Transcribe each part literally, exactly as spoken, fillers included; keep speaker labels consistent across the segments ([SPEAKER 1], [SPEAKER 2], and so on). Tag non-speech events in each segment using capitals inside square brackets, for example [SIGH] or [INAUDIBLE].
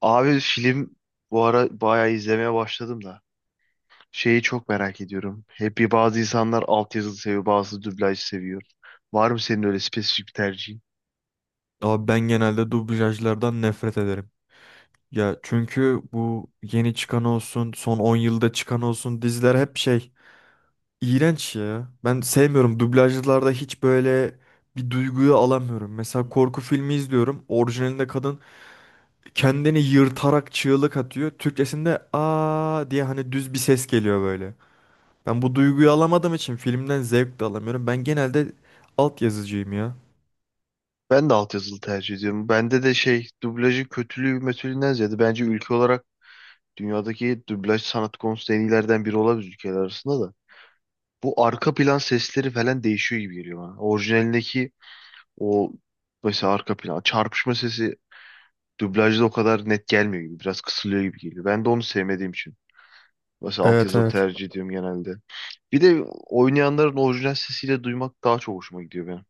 [SPEAKER 1] Abi film bu ara bayağı izlemeye başladım da. Şeyi çok merak ediyorum. Hep bir bazı insanlar altyazılı seviyor, bazı dublaj seviyor. Var mı senin öyle spesifik bir tercihin?
[SPEAKER 2] Abi ben genelde dublajlardan nefret ederim. Ya çünkü bu yeni çıkan olsun, son on yılda çıkan olsun diziler hep şey iğrenç ya. Ben sevmiyorum. Dublajlarda hiç böyle bir duyguyu alamıyorum.
[SPEAKER 1] Hı.
[SPEAKER 2] Mesela korku filmi izliyorum. Orijinalinde kadın kendini yırtarak çığlık atıyor. Türkçesinde aa diye hani düz bir ses geliyor böyle. Ben bu duyguyu alamadığım için filmden zevk de alamıyorum. Ben genelde alt yazıcıyım ya.
[SPEAKER 1] Ben de altyazılı tercih ediyorum. Bende de şey dublajın kötülüğü metölünden ziyade bence ülke olarak dünyadaki dublaj sanat konusunda en iyilerden biri olabilir ülkeler arasında da. Bu arka plan sesleri falan değişiyor gibi geliyor bana. Orijinalindeki o mesela arka plan çarpışma sesi dublajda o kadar net gelmiyor gibi. Biraz kısılıyor gibi geliyor. Ben de onu sevmediğim için. Mesela
[SPEAKER 2] Evet
[SPEAKER 1] altyazılı
[SPEAKER 2] evet.
[SPEAKER 1] tercih ediyorum genelde. Bir de oynayanların orijinal sesiyle duymak daha çok hoşuma gidiyor benim.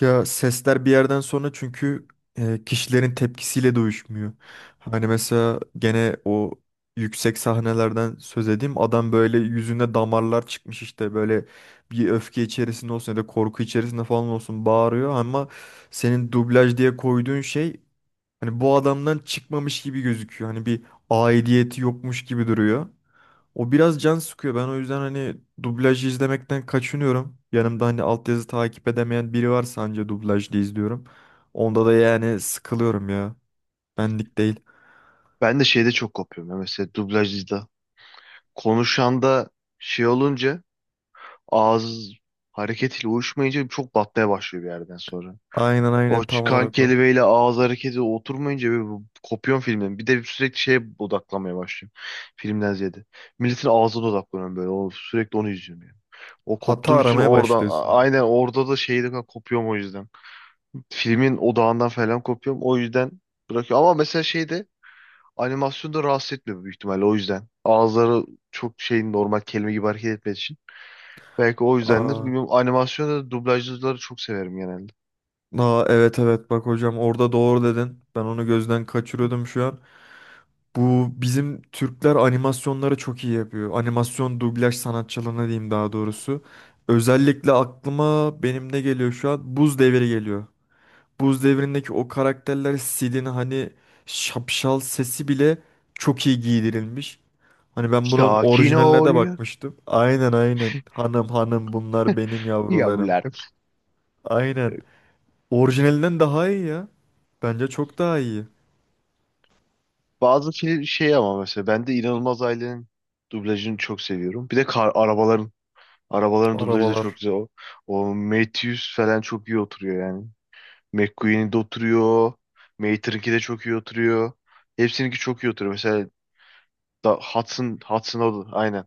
[SPEAKER 2] Ya sesler bir yerden sonra çünkü e, kişilerin tepkisiyle de uyuşmuyor. Hani mesela gene o yüksek sahnelerden söz edeyim. Adam böyle yüzüne damarlar çıkmış işte böyle bir öfke içerisinde olsun ya da korku içerisinde falan olsun bağırıyor ama senin dublaj diye koyduğun şey hani bu adamdan çıkmamış gibi gözüküyor. Hani bir aidiyeti yokmuş gibi duruyor. O biraz can sıkıyor. Ben o yüzden hani dublajı izlemekten kaçınıyorum. Yanımda hani altyazı takip edemeyen biri varsa anca dublajlı izliyorum. Onda da yani sıkılıyorum ya. Benlik değil.
[SPEAKER 1] Ben de şeyde çok kopuyorum. ya, Mesela dublajda konuşan da şey olunca ağız hareketiyle uyuşmayınca çok batmaya başlıyor bir yerden sonra.
[SPEAKER 2] Aynen,
[SPEAKER 1] O
[SPEAKER 2] aynen, tam
[SPEAKER 1] çıkan
[SPEAKER 2] olarak o.
[SPEAKER 1] kelimeyle ağız hareketi oturmayınca bir bu- kopuyorum filmden. Bir de sürekli şeye odaklanmaya başlıyorum. Filmden ziyade. Milletin ağzına odaklanıyorum böyle. O, sürekli onu izliyorum yani. O
[SPEAKER 2] Hata
[SPEAKER 1] koptuğum için
[SPEAKER 2] aramaya
[SPEAKER 1] oradan a-
[SPEAKER 2] başlıyorsun.
[SPEAKER 1] aynen orada da şeyde kopuyorum o yüzden. Filmin odağından falan kopuyorum. O yüzden bırakıyorum. Ama mesela şeyde animasyonda rahatsız etmiyor büyük ihtimalle o yüzden. Ağızları çok şey normal kelime gibi hareket etmediği için. Belki o yüzdendir.
[SPEAKER 2] Aa,
[SPEAKER 1] Bilmiyorum animasyonda da dublajcıları çok severim genelde.
[SPEAKER 2] aa, evet, evet, bak hocam, orada doğru dedin. Ben onu gözden kaçırıyordum şu an. Bu bizim Türkler animasyonları çok iyi yapıyor. Animasyon dublaj sanatçılığını diyeyim daha doğrusu. Özellikle aklıma benim ne geliyor şu an? Buz Devri geliyor. Buz Devri'ndeki o karakterler Sid'in hani şapşal sesi bile çok iyi giydirilmiş. Hani ben bunun
[SPEAKER 1] Sakin
[SPEAKER 2] orijinaline de
[SPEAKER 1] ol
[SPEAKER 2] bakmıştım. Aynen, aynen. Hanım hanım bunlar benim
[SPEAKER 1] [LAUGHS]
[SPEAKER 2] yavrularım.
[SPEAKER 1] yavrularım.
[SPEAKER 2] Aynen. Orijinalinden daha iyi ya. Bence çok daha iyi.
[SPEAKER 1] Bazı film şey ama mesela ben de İnanılmaz Ailenin dublajını çok seviyorum. Bir de kar, arabaların arabaların dublajı da çok
[SPEAKER 2] Arabalar.
[SPEAKER 1] güzel. O, o Matthews falan çok iyi oturuyor yani. McQueen'in de oturuyor. Mater'inki de çok iyi oturuyor. Hepsininki çok iyi oturuyor. Mesela da Hudson, Hudson o da aynen.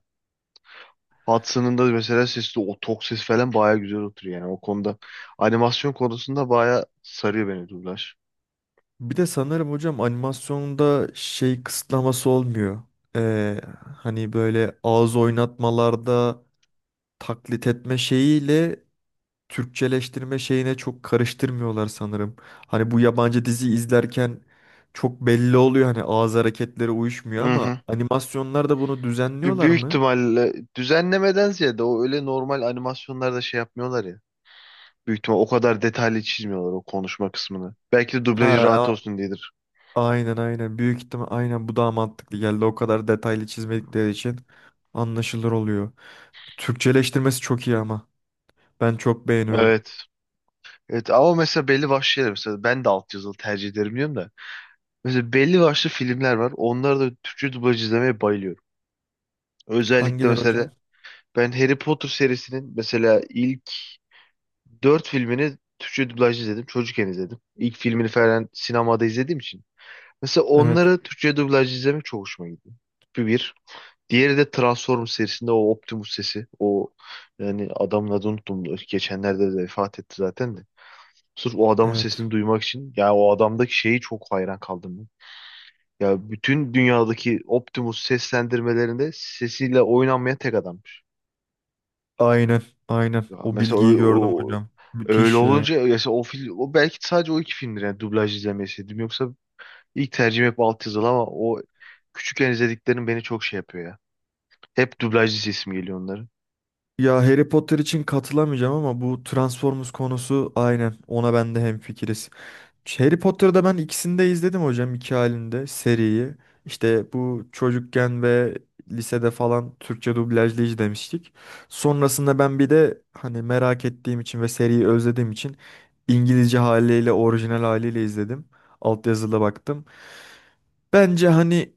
[SPEAKER 1] Hudson'ın da mesela sesi o tok ses falan baya güzel oturuyor yani o konuda. Animasyon konusunda baya sarıyor beni dublaj.
[SPEAKER 2] Bir de sanırım hocam animasyonda şey kısıtlaması olmuyor. Ee, hani böyle ağız oynatmalarda taklit etme şeyiyle Türkçeleştirme şeyine çok karıştırmıyorlar sanırım. Hani bu yabancı dizi izlerken çok belli oluyor hani ağız hareketleri uyuşmuyor
[SPEAKER 1] Hı hı.
[SPEAKER 2] ama animasyonlarda bunu
[SPEAKER 1] Bir
[SPEAKER 2] düzenliyorlar
[SPEAKER 1] büyük
[SPEAKER 2] mı?
[SPEAKER 1] ihtimalle düzenlemeden ziyade o öyle normal animasyonlarda şey yapmıyorlar ya. Büyük ihtimal o kadar detaylı çizmiyorlar o konuşma kısmını. Belki de
[SPEAKER 2] Ha,
[SPEAKER 1] dublajı rahat
[SPEAKER 2] a-
[SPEAKER 1] olsun diyedir.
[SPEAKER 2] aynen, aynen, büyük ihtimal aynen, bu daha mantıklı geldi, o kadar detaylı çizmedikleri için anlaşılır oluyor. Türkçeleştirmesi çok iyi ama ben çok beğeniyorum.
[SPEAKER 1] Evet. Evet ama mesela belli başlı şeyler, mesela ben de alt yazılı tercih ederim diyorum da. Mesela belli başlı filmler var. Onları da Türkçe dublaj izlemeye bayılıyorum. Özellikle
[SPEAKER 2] Hangileri
[SPEAKER 1] mesela
[SPEAKER 2] hocam?
[SPEAKER 1] ben Harry Potter serisinin mesela ilk dört filmini Türkçe dublaj izledim. Çocukken izledim. İlk filmini falan sinemada izlediğim için. Mesela
[SPEAKER 2] Evet,
[SPEAKER 1] onları Türkçe dublaj izlemek çok hoşuma gitti. Bu bir. Diğeri de Transformers serisinde o Optimus sesi. O, yani adamın adını unuttum. Geçenlerde de vefat etti zaten de. Sırf o adamın
[SPEAKER 2] evet,
[SPEAKER 1] sesini duymak için. Ya o adamdaki şeyi çok hayran kaldım ben. Ya bütün dünyadaki Optimus seslendirmelerinde sesiyle oynanmayan tek adam.
[SPEAKER 2] aynen, aynen,
[SPEAKER 1] Ya
[SPEAKER 2] o
[SPEAKER 1] mesela o,
[SPEAKER 2] bilgiyi gördüm
[SPEAKER 1] o-
[SPEAKER 2] hocam,
[SPEAKER 1] öyle
[SPEAKER 2] müthiş ya.
[SPEAKER 1] olunca mesela o film o belki sadece o iki filmdir yani dublaj izlemeseydim. Yoksa ilk tercihim hep altyazılı ama o küçükken izlediklerim beni çok şey yapıyor ya. Hep dublajlı sesim geliyor onların.
[SPEAKER 2] Ya Harry Potter için katılamayacağım ama bu Transformers konusu aynen, ona ben de hemfikiriz. Harry Potter'da ben ikisini de izledim hocam, iki halinde seriyi. İşte bu çocukken ve lisede falan Türkçe dublajlı izlemiştik. Sonrasında ben bir de hani merak ettiğim için ve seriyi özlediğim için İngilizce haliyle, orijinal haliyle izledim. Altyazıda baktım. Bence hani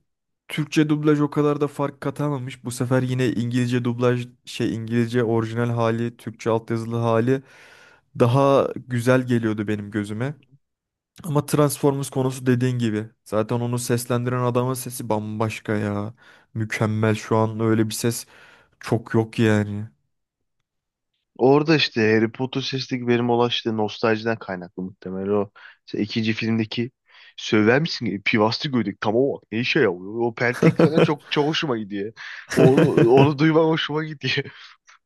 [SPEAKER 2] Türkçe dublaj o kadar da fark katamamış. Bu sefer yine İngilizce dublaj şey, İngilizce orijinal hali, Türkçe altyazılı hali daha güzel geliyordu benim gözüme. Ama Transformers konusu dediğin gibi. Zaten onu seslendiren adamın sesi bambaşka ya. Mükemmel, şu an öyle bir ses çok yok yani.
[SPEAKER 1] Orada işte Harry Potter sesindeki benim olan işte nostaljiden kaynaklı muhtemelen o işte ikinci filmdeki söyler misin? Pivaslı gödek, tamam bak, ne işe yarıyor. O pentek falan çok
[SPEAKER 2] [LAUGHS]
[SPEAKER 1] çok hoşuma gidiyor. Onu onu duymam hoşuma gidiyor.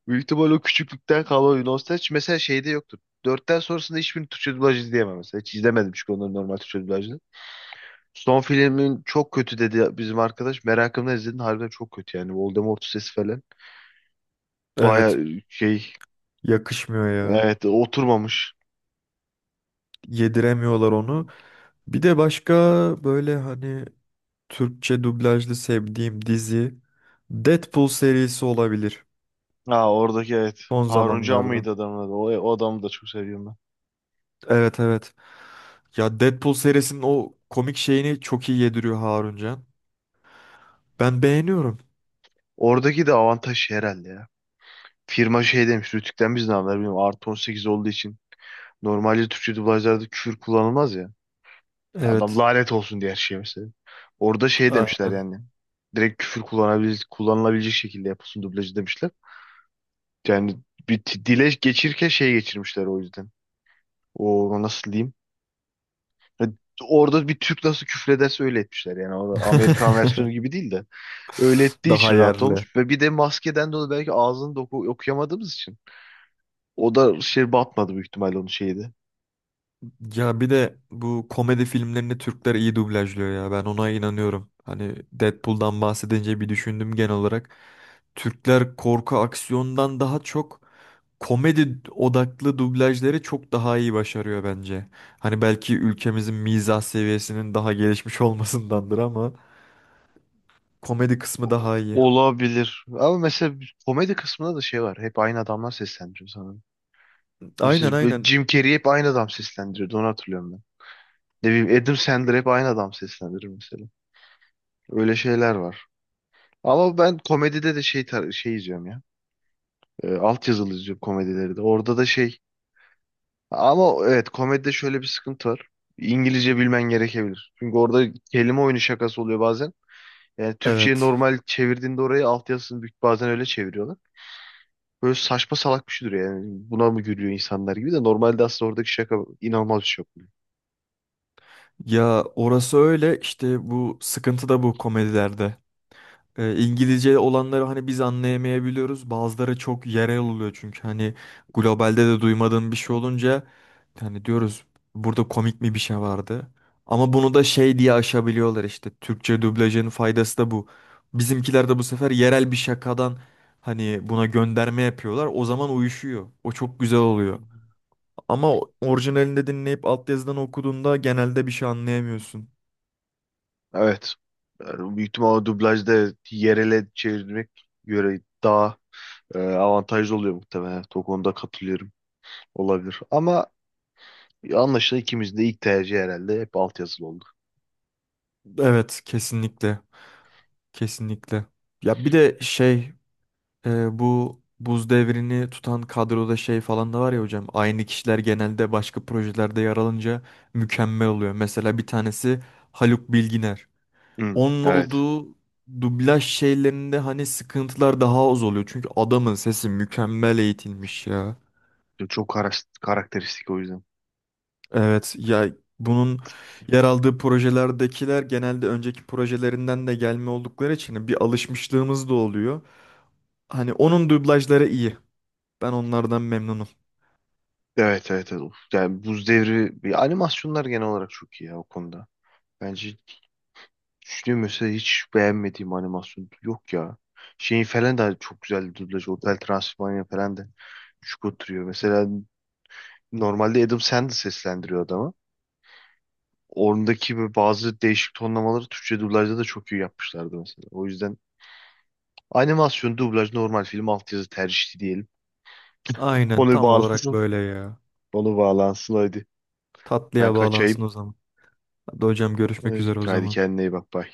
[SPEAKER 1] Büyük ihtimal o küçüklükten kalan bir nostalji. Mesela şeyde yoktur. Dörtten sonrasında hiçbir Türkçe dublaj izleyemem mesela. Hiç izlemedim çünkü onların normal Türkçe dublajını. Son filmin çok kötü dedi bizim arkadaş. Merakımla izledim. Harbiden çok kötü yani. Voldemort sesi falan. Baya
[SPEAKER 2] Evet,
[SPEAKER 1] şey,
[SPEAKER 2] yakışmıyor ya.
[SPEAKER 1] evet, oturmamış.
[SPEAKER 2] Yediremiyorlar onu. Bir de başka böyle hani Türkçe dublajlı sevdiğim dizi Deadpool serisi olabilir
[SPEAKER 1] Ha oradaki evet.
[SPEAKER 2] son
[SPEAKER 1] Haruncan mıydı
[SPEAKER 2] zamanlardan.
[SPEAKER 1] adamın adı? O, o adamı da çok seviyorum ben.
[SPEAKER 2] Evet, evet. Ya Deadpool serisinin o komik şeyini çok iyi yediriyor Harun Can. Ben beğeniyorum.
[SPEAKER 1] Oradaki de avantaj şey herhalde ya. Firma şey demiş. Rütük'ten biz ne haber bilmiyorum. Artı on sekiz olduğu için. Normalde Türkçe dublajlarda küfür kullanılmaz ya. Adam
[SPEAKER 2] Evet,
[SPEAKER 1] lanet olsun diye her şeye mesela. Orada şey demişler
[SPEAKER 2] aynen.
[SPEAKER 1] yani. Direkt küfür kullanabil kullanılabilecek şekilde yapılsın dublajı demişler. Yani bir t- dile geçirirken şey geçirmişler o yüzden. O nasıl diyeyim? Ya, orada bir Türk nasıl küfrederse öyle etmişler. Yani orada Amerikan versiyonu gibi değil de öyle
[SPEAKER 2] [LAUGHS]
[SPEAKER 1] ettiği
[SPEAKER 2] Daha
[SPEAKER 1] için rahat
[SPEAKER 2] yerli.
[SPEAKER 1] olmuş. Ve bir de maskeden dolayı belki ağzını da oku- okuyamadığımız için. O da şey batmadı büyük ihtimalle onun şeydi.
[SPEAKER 2] Ya bir de bu komedi filmlerini Türkler iyi dublajlıyor ya. Ben ona inanıyorum. Hani Deadpool'dan bahsedince bir düşündüm genel olarak. Türkler korku aksiyondan daha çok komedi odaklı dublajları çok daha iyi başarıyor bence. Hani belki ülkemizin mizah seviyesinin daha gelişmiş [LAUGHS] olmasındandır ama komedi kısmı
[SPEAKER 1] O-
[SPEAKER 2] daha iyi.
[SPEAKER 1] Olabilir. Ama mesela komedi kısmında da şey var. Hep aynı adamlar seslendiriyor sanırım.
[SPEAKER 2] Aynen,
[SPEAKER 1] Mesela böyle
[SPEAKER 2] aynen.
[SPEAKER 1] Jim Carrey hep aynı adam seslendiriyordu. Onu hatırlıyorum ben. Ne bileyim Adam Sandler hep aynı adam seslendirir mesela. Öyle şeyler var. Ama ben komedide de şey tar- şey izliyorum ya. E, alt yazılı izliyorum komedileri de. Orada da şey, ama evet komedide şöyle bir sıkıntı var. İngilizce bilmen gerekebilir. Çünkü orada kelime oyunu şakası oluyor bazen. Yani Türkçe'ye
[SPEAKER 2] Evet.
[SPEAKER 1] normal çevirdiğinde orayı, alt yazısını büyük bazen öyle çeviriyorlar. Böyle saçma salak bir şey duruyor yani. Buna mı gülüyor insanlar gibi, de normalde aslında oradaki şaka inanılmaz bir şey yapıyor.
[SPEAKER 2] Ya orası öyle işte, bu sıkıntı da bu komedilerde. E, İngilizce olanları hani biz anlayamayabiliyoruz. Bazıları çok yerel oluyor çünkü hani globalde de duymadığım bir şey olunca hani diyoruz burada komik mi bir şey vardı. Ama bunu da şey diye aşabiliyorlar işte. Türkçe dublajın faydası da bu. Bizimkiler de bu sefer yerel bir şakadan hani buna gönderme yapıyorlar. O zaman uyuşuyor. O çok güzel oluyor. Ama orijinalinde dinleyip altyazıdan okuduğunda genelde bir şey anlayamıyorsun.
[SPEAKER 1] Evet. Yani büyük ihtimalle dublajda yerele çevirmek göre daha e, avantajlı oluyor muhtemelen. Evet, o konuda katılıyorum. Olabilir. Ama anlaşılan ikimiz de ilk tercih herhalde hep altyazılı oldu.
[SPEAKER 2] Evet, kesinlikle. Kesinlikle. Ya bir de şey, Ee, bu buz devrini tutan kadroda şey falan da var ya hocam. Aynı kişiler genelde başka projelerde yer alınca mükemmel oluyor. Mesela bir tanesi Haluk Bilginer.
[SPEAKER 1] Hı,
[SPEAKER 2] Onun
[SPEAKER 1] evet.
[SPEAKER 2] olduğu dublaj şeylerinde hani sıkıntılar daha az oluyor. Çünkü adamın sesi mükemmel eğitilmiş ya.
[SPEAKER 1] Çok karas- karakteristik o yüzden.
[SPEAKER 2] Evet ya, bunun yer aldığı projelerdekiler genelde önceki projelerinden de gelme oldukları için bir alışmışlığımız da oluyor. Hani onun dublajları iyi. Ben onlardan memnunum.
[SPEAKER 1] Evet evet, evet. Of, yani Buz Devri bir, animasyonlar genel olarak çok iyi ya o konuda. Bence düşünüyorum mesela hiç beğenmediğim animasyon yok ya. Şeyin falan da çok güzel dublaj. Hotel Transylvania falan da şık oturuyor. Mesela normalde Adam Sandler seslendiriyor adamı. Oradaki böyle bazı değişik tonlamaları Türkçe dublajda da çok iyi yapmışlardı mesela. O yüzden animasyon, dublaj, normal film, altyazı tercihli diyelim.
[SPEAKER 2] Aynen,
[SPEAKER 1] Konu
[SPEAKER 2] tam olarak
[SPEAKER 1] bağlansın.
[SPEAKER 2] böyle ya.
[SPEAKER 1] Konu bağlansın hadi. Ben
[SPEAKER 2] Tatlıya
[SPEAKER 1] kaçayım.
[SPEAKER 2] bağlansın o zaman. Hadi hocam, görüşmek
[SPEAKER 1] Ee,
[SPEAKER 2] üzere o
[SPEAKER 1] Haydi
[SPEAKER 2] zaman.
[SPEAKER 1] kendine iyi bak. Bye.